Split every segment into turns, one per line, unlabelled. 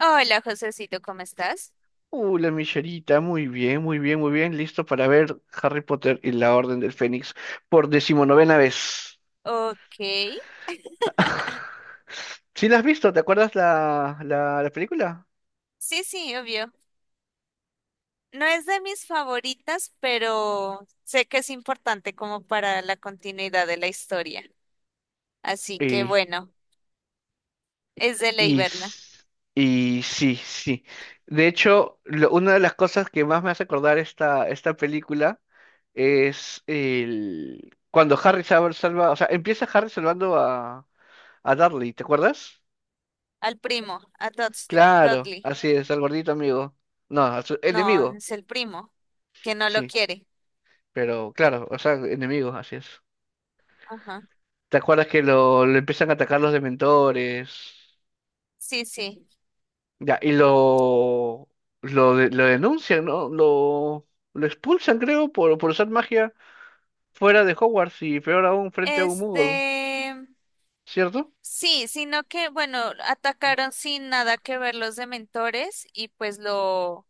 Hola, Josecito, ¿cómo estás?
La Michelita, muy bien, muy bien, muy bien. Listo para ver Harry Potter y la Orden del Fénix por 19.ª vez.
Ok.
¿Sí la has visto? ¿Te acuerdas la película?
Sí, sí, obvio. No es de mis favoritas, pero sé que es importante como para la continuidad de la historia. Así que
Y,
bueno, es de ley
y,
verla.
s- y sí, sí. De hecho, una de las cosas que más me hace acordar esta película es cuando Harry o sea, empieza Harry salvando a Dudley, ¿te acuerdas?
Al primo, a Dudley.
Claro,
Dudley.
así es, al gordito amigo. No, a
No,
enemigo,
es el primo, que no lo
sí,
quiere.
pero claro, o sea, enemigo, así es.
Ajá.
¿Te acuerdas que lo empiezan a atacar los dementores?
Sí, sí.
Ya, y lo denuncian, ¿no? Lo expulsan, creo, por usar magia fuera de Hogwarts y peor aún frente a un
Este,
Muggle, ¿cierto?
sí, sino que, bueno, atacaron sin nada que ver los dementores y pues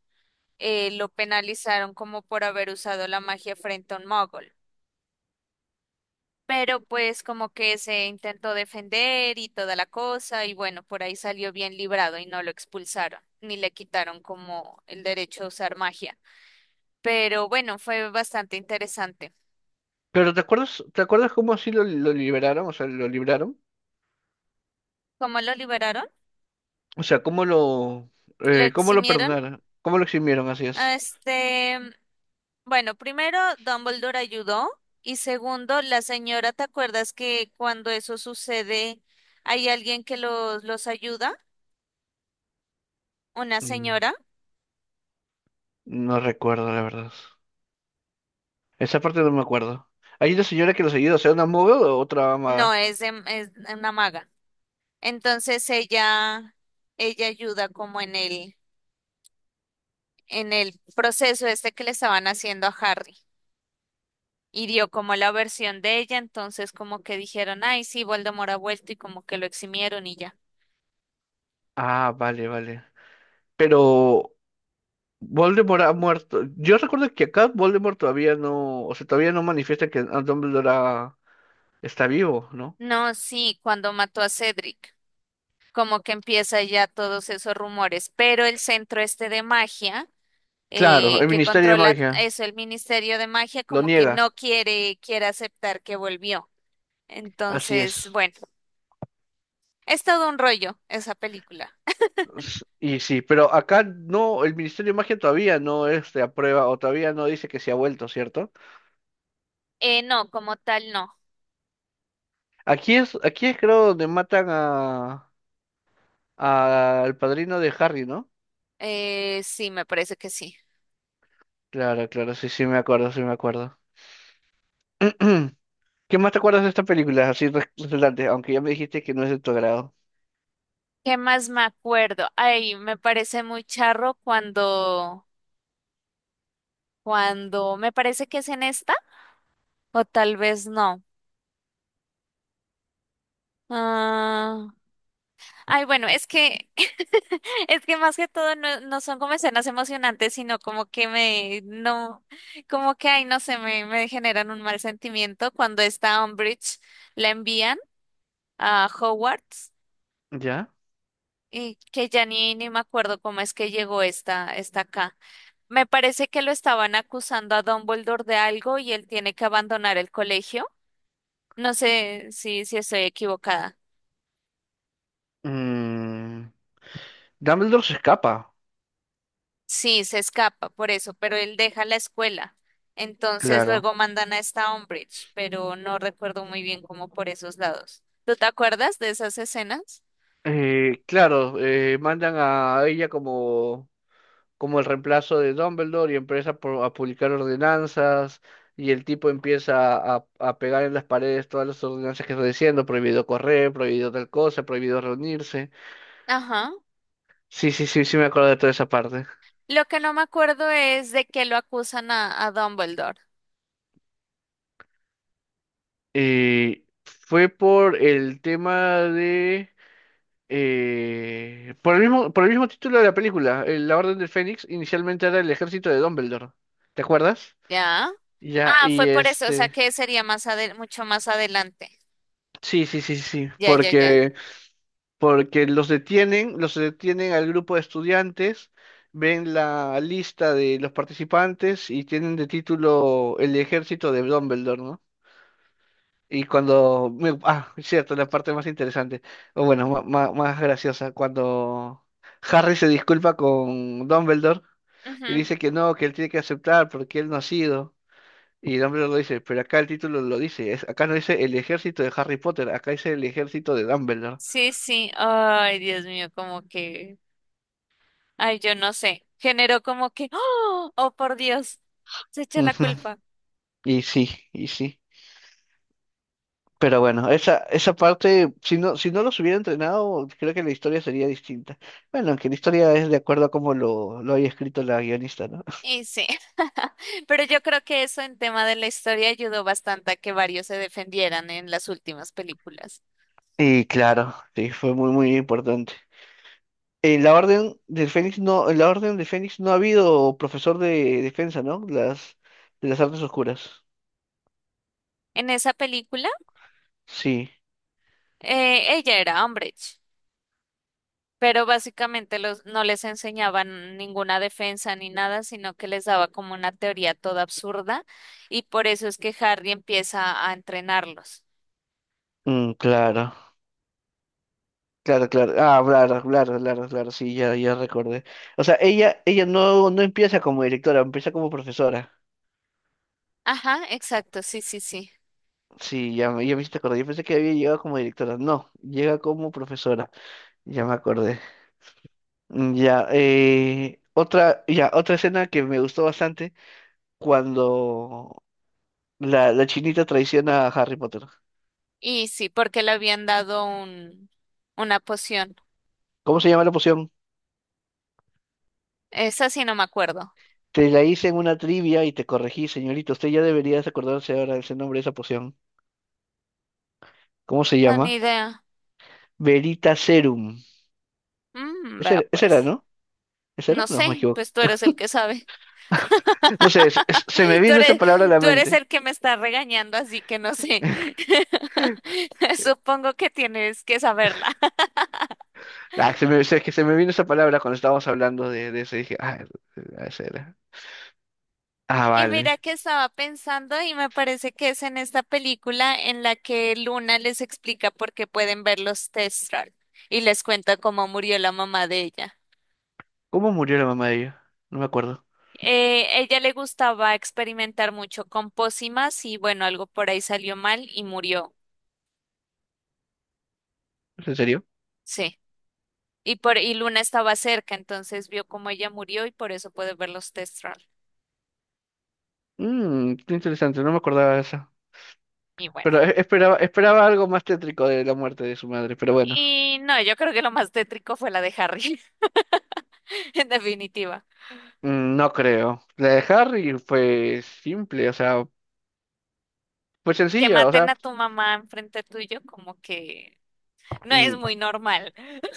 lo penalizaron como por haber usado la magia frente a un mogol. Pero pues como que se intentó defender y toda la cosa y bueno, por ahí salió bien librado y no lo expulsaron ni le quitaron como el derecho a usar magia. Pero bueno, fue bastante interesante.
Pero ¿te acuerdas cómo así lo liberaron? O sea, lo libraron.
¿Cómo lo liberaron?
O sea, ¿cómo
Lo
cómo lo
eximieron.
perdonaron? ¿Cómo lo eximieron? Así
a
es.
Este, bueno, primero Dumbledore ayudó y segundo, la señora, ¿te acuerdas que cuando eso sucede hay alguien que los ayuda? Una señora,
No recuerdo, la verdad. Esa parte no me acuerdo. ¿Hay una señora que los ayuda, o sea, una maga o otra
no,
maga?
es una maga. Entonces ella, ella ayuda como en en el proceso este que le estaban haciendo a Harry. Y dio como la versión de ella, entonces como que dijeron, ay, sí, Voldemort ha vuelto y como que lo eximieron y ya.
Ah, vale, vale. Pero Voldemort ha muerto. Yo recuerdo que acá Voldemort todavía no, o sea, todavía no manifiesta que está vivo, ¿no?
No, sí, cuando mató a Cedric, como que empieza ya todos esos rumores, pero el centro este de magia,
Claro, el
que
Ministerio de
controla
Magia
eso, el Ministerio de Magia,
lo
como que
niega.
no quiere aceptar que volvió.
Así
Entonces,
es.
bueno, es todo un rollo esa película.
Y sí, pero acá no, el Ministerio de Magia todavía no aprueba o todavía no dice que se ha vuelto, ¿cierto?
No, como tal, no.
Aquí es creo donde matan a Al padrino de Harry, ¿no?
Sí, me parece que sí.
Claro, claro, sí, sí me acuerdo, sí me acuerdo. ¿Qué más te acuerdas de esta película? Así resaltante, aunque ya me dijiste que no es de tu agrado.
¿Qué más me acuerdo? Ay, me parece muy charro me parece que es en esta, o tal vez no. Ah, ay, bueno, es que, es que más que todo no, no son como escenas emocionantes, sino como que no, como que, ay, no sé, me generan un mal sentimiento cuando esta Umbridge la envían a Hogwarts
¿Ya?
y que ya ni me acuerdo cómo es que llegó esta acá. Me parece que lo estaban acusando a Dumbledore de algo y él tiene que abandonar el colegio. No sé si estoy equivocada.
Mm, Dumbledore se escapa,
Sí, se escapa por eso, pero él deja la escuela. Entonces
claro.
luego mandan a esta Umbridge, pero no recuerdo muy bien cómo por esos lados. ¿Tú te acuerdas de esas escenas?
Claro, mandan a ella como el reemplazo de Dumbledore y empieza a publicar ordenanzas y el tipo empieza a, pegar en las paredes todas las ordenanzas que está diciendo, prohibido correr, prohibido tal cosa, prohibido reunirse.
Ajá.
Sí, sí, sí, sí me acuerdo de toda esa parte.
Lo que no me acuerdo es de que lo acusan a Dumbledore.
Fue por el tema de, por el mismo título de la película, La Orden del Fénix, inicialmente era el ejército de Dumbledore. ¿Te acuerdas?
Ya.
Ya,
Ah,
y
fue por eso, o sea que sería mucho más adelante.
sí, sí, sí, sí,
Ya, ya, ya.
porque los detienen al grupo de estudiantes, ven la lista de los participantes y tienen de título el ejército de Dumbledore, ¿no? Y cuando, cierto, la parte más interesante, o bueno, más graciosa, cuando Harry se disculpa con Dumbledore y
Ujú.
dice que no, que él tiene que aceptar porque él no ha sido. Y Dumbledore lo dice, pero acá el título lo dice, acá no dice el ejército de Harry Potter, acá dice el ejército de Dumbledore.
Sí, sí. Ay, Dios mío, como que. Ay, yo no sé. Generó como que. ¡Oh! ¡Oh, por Dios! Se echa la
Ujú,
culpa.
y sí, y sí. Pero bueno, esa parte, si no, los hubiera entrenado, creo que la historia sería distinta. Bueno, aunque la historia es de acuerdo a cómo lo haya escrito la guionista, ¿no?
Y sí. Pero yo creo que eso en tema de la historia ayudó bastante a que varios se defendieran en las últimas películas.
Y claro, sí, fue muy, muy importante. En la Orden del Fénix no, en la Orden del Fénix no ha habido profesor de defensa, ¿no? de las artes oscuras.
En esa película,
Sí,
ella era Umbridge, pero básicamente los, no les enseñaban ninguna defensa ni nada, sino que les daba como una teoría toda absurda y por eso es que Harry empieza a entrenarlos.
claro, claro, claro. Ah, claro, claro, claro, claro, sí, ya, ya recordé. O sea, ella no empieza como directora, empieza como profesora.
Ajá, exacto, sí, sí, sí.
Sí, ya, ya me hiciste acordar. Yo pensé que había llegado como directora. No, llega como profesora. Ya me acordé. Ya, otra escena que me gustó bastante cuando la chinita traiciona a Harry Potter.
Y sí, porque le habían dado una poción.
¿Cómo se llama la poción?
Esa sí no me acuerdo.
Te la hice en una trivia y te corregí, señorita. Usted ya debería acordarse ahora ese nombre de esa poción. ¿Cómo se
No, ni
llama?
idea.
Verita Serum.
Mm,
Ese,
vea
era- ese era,
pues.
¿no? ¿Ese era?
No
No, me
sé,
equivoco.
pues tú eres el que sabe.
No sé, se me
Tú
vino esa
eres,
palabra a la
tú eres
mente.
el que me está regañando, así que no sé. Supongo que tienes que saberla.
Ah, es que se me vino esa palabra cuando estábamos hablando de eso. Y dije, ese era. Ah,
Y
vale.
mira que estaba pensando y me parece que es en esta película en la que Luna les explica por qué pueden ver los Testral y les cuenta cómo murió la mamá de ella.
¿Cómo murió la mamá de ella? No me acuerdo.
Ella le gustaba experimentar mucho con pócimas y bueno, algo por ahí salió mal y murió.
¿Es en serio?
Sí. Y Luna estaba cerca, entonces vio cómo ella murió y por eso puede ver los Testral.
Qué interesante, no me acordaba de esa.
Y bueno.
Pero esperaba algo más tétrico de la muerte de su madre, pero bueno,
Y no, yo creo que lo más tétrico fue la de Harry, en definitiva.
no creo. La de Harry fue simple, o sea, fue
Que
sencilla, o
maten
sea,
a tu mamá enfrente tuyo, como que no es
mm,
muy normal.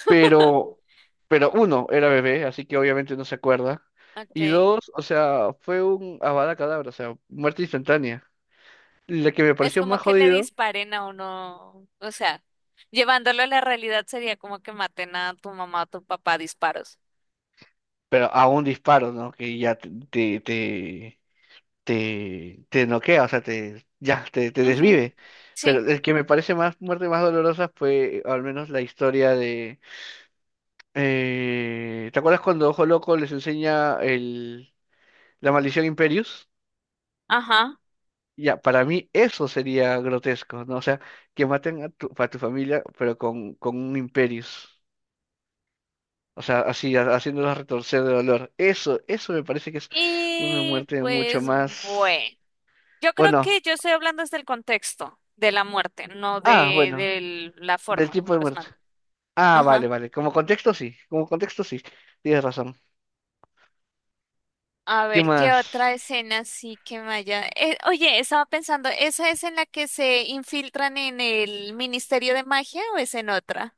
pero, pero uno, era bebé, así que obviamente no se acuerda. Y
Okay.
dos, o sea, fue un avada cadabra, o sea, muerte instantánea. La que me
Es
pareció
como
más
que le
jodido,
disparen a uno, o sea, llevándolo a la realidad sería como que maten a tu mamá o tu papá a disparos.
pero a un disparo, ¿no? Que ya te noquea, o sea, te
Ujú,
desvive. Pero
sí,
el que me parece más muerte más dolorosa fue al menos la historia de, ¿te acuerdas cuando Ojo Loco les enseña la maldición Imperius?
ajá.
Ya, para mí eso sería grotesco, ¿no? O sea, que maten a tu, familia, pero con un Imperius. O sea, así, haciéndolos retorcer de dolor. Eso me parece que es una
Y
muerte mucho
pues
más.
bueno, yo creo
Bueno,
que yo estoy hablando desde el contexto de la muerte, no
bueno,
de la
del
forma
tipo
como
de
los
muerte.
matan.
Ah, vale,
Ajá.
vale. Como contexto, sí. Como contexto, sí. Tienes razón.
A
¿Qué
ver, ¿qué
más?
otra escena sí que me haya... oye, estaba pensando, ¿esa es en la que se infiltran en el Ministerio de Magia o es en otra?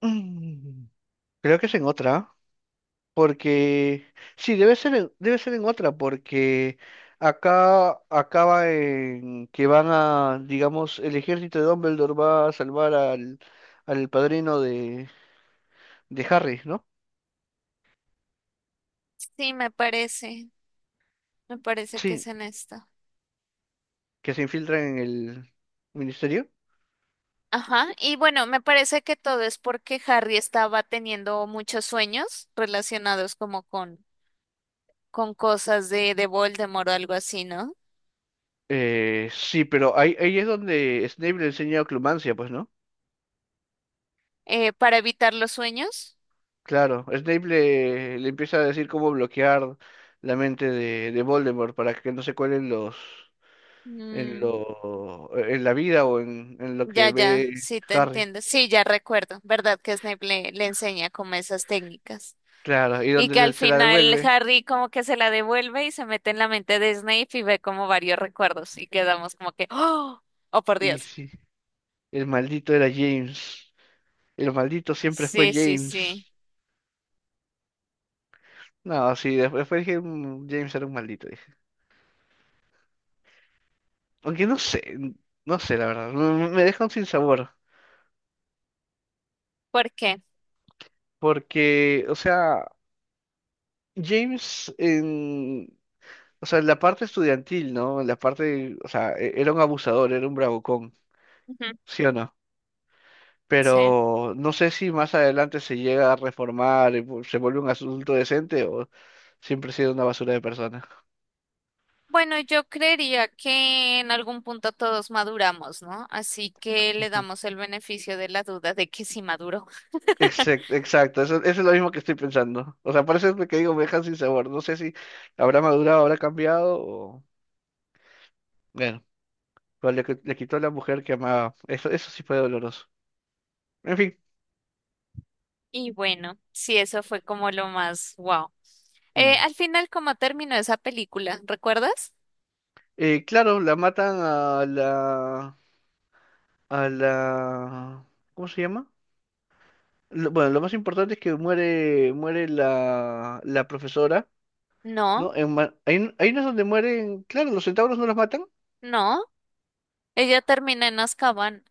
Mm, creo que es en otra, porque, sí, debe ser en otra, porque acá acaba en que van a, digamos, el ejército de Dumbledore va a salvar al padrino de Harry, ¿no?
Sí, me parece, me parece que
Sí,
es en esta.
que se infiltran en el ministerio.
Ajá, y bueno, me parece que todo es porque Harry estaba teniendo muchos sueños relacionados como con cosas de Voldemort o algo así, ¿no?
Sí, pero ahí es donde Snape le enseña a Clumancia, pues, ¿no?
Para evitar los sueños.
Claro, Snape le empieza a decir cómo bloquear la mente de Voldemort para que no se cuelen los en
Mm,
lo en la vida o en lo
ya,
que
ya,
ve
sí te
Harry.
entiendo. Sí, ya recuerdo, ¿verdad? Que Snape le enseña como esas técnicas.
Claro, y
Y
donde
que al
se la
final
devuelve.
Harry como que se la devuelve y se mete en la mente de Snape y ve como varios recuerdos y quedamos como que, ¡oh! ¡Oh, por
Y
Dios!
sí, el maldito era James. El maldito siempre fue
Sí, sí,
James.
sí.
No, sí, después dije, "Mm, James era un maldito", dije. Aunque no sé, no sé, la verdad. Me deja un sinsabor.
¿Por qué?
Porque, o sea, James. O sea, en la parte estudiantil, ¿no? En la parte, o sea, era un abusador, era un bravucón,
Ujú,
¿sí o no?
sí.
Pero no sé si más adelante se llega a reformar, y se vuelve un adulto decente o siempre ha sido una basura de persona.
Bueno, yo creería que en algún punto todos maduramos, ¿no? Así que le damos el beneficio de la duda de que sí maduró.
Exacto, exacto, eso es lo mismo que estoy pensando. O sea, por eso es lo que digo, me dejan sin sabor. No sé si habrá madurado, habrá cambiado o. Bueno, pero le quitó a la mujer que amaba. Eso sí fue doloroso. En fin.
Y bueno, sí, eso fue como lo más wow.
Mm.
Al final, ¿cómo terminó esa película? ¿Recuerdas?
Claro, la matan a la, a la, ¿cómo se llama? Bueno, lo más importante es que muere la profesora,
No,
¿no? Ahí no es donde mueren. Claro, los centauros no los matan.
no. Ella termina en Azkaban.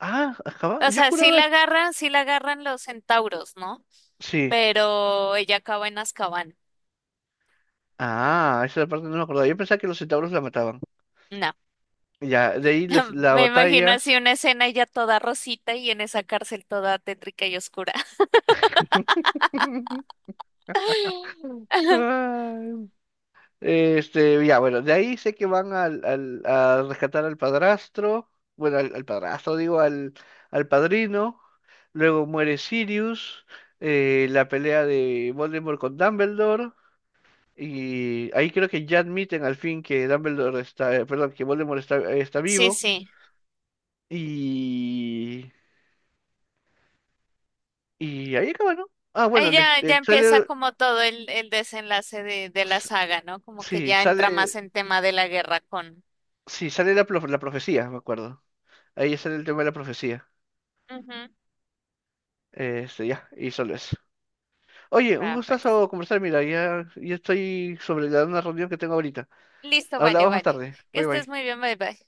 Ah,
O
Azkaban. Yo
sea,
juraba que.
sí la agarran los centauros, ¿no?
Sí.
Pero ella acaba en Azkaban.
Ah, esa parte no me acordaba. Yo pensaba que los centauros la mataban.
No.
Ya, de ahí la
Me imagino
batalla.
así una escena ella toda rosita y en esa cárcel toda tétrica y oscura.
Ay, ya, bueno, de ahí sé que van a rescatar al padrastro, bueno, al padrastro, digo, al padrino, luego muere Sirius, la pelea de Voldemort con Dumbledore, y ahí creo que ya admiten al fin que Dumbledore está, perdón, que Voldemort está
Sí,
vivo,
sí.
y, y ahí acaba, ¿no? Ah,
Ahí
bueno,
ya, ya empieza
sale,
como todo el desenlace de la
s-
saga, ¿no? Como que
sí,
ya entra más
sale,
en tema de la guerra con...
sí, sale la profecía, me acuerdo, ahí sale el tema de la profecía.
Ujú.
Y solo eso. Oye, un
Ah, pues.
gustazo conversar. Mira, ya, estoy sobre la una reunión que tengo ahorita.
Listo, vale,
Hablamos más
vale.
tarde.
Que
Bye
estés
bye.
muy bien, bye bye.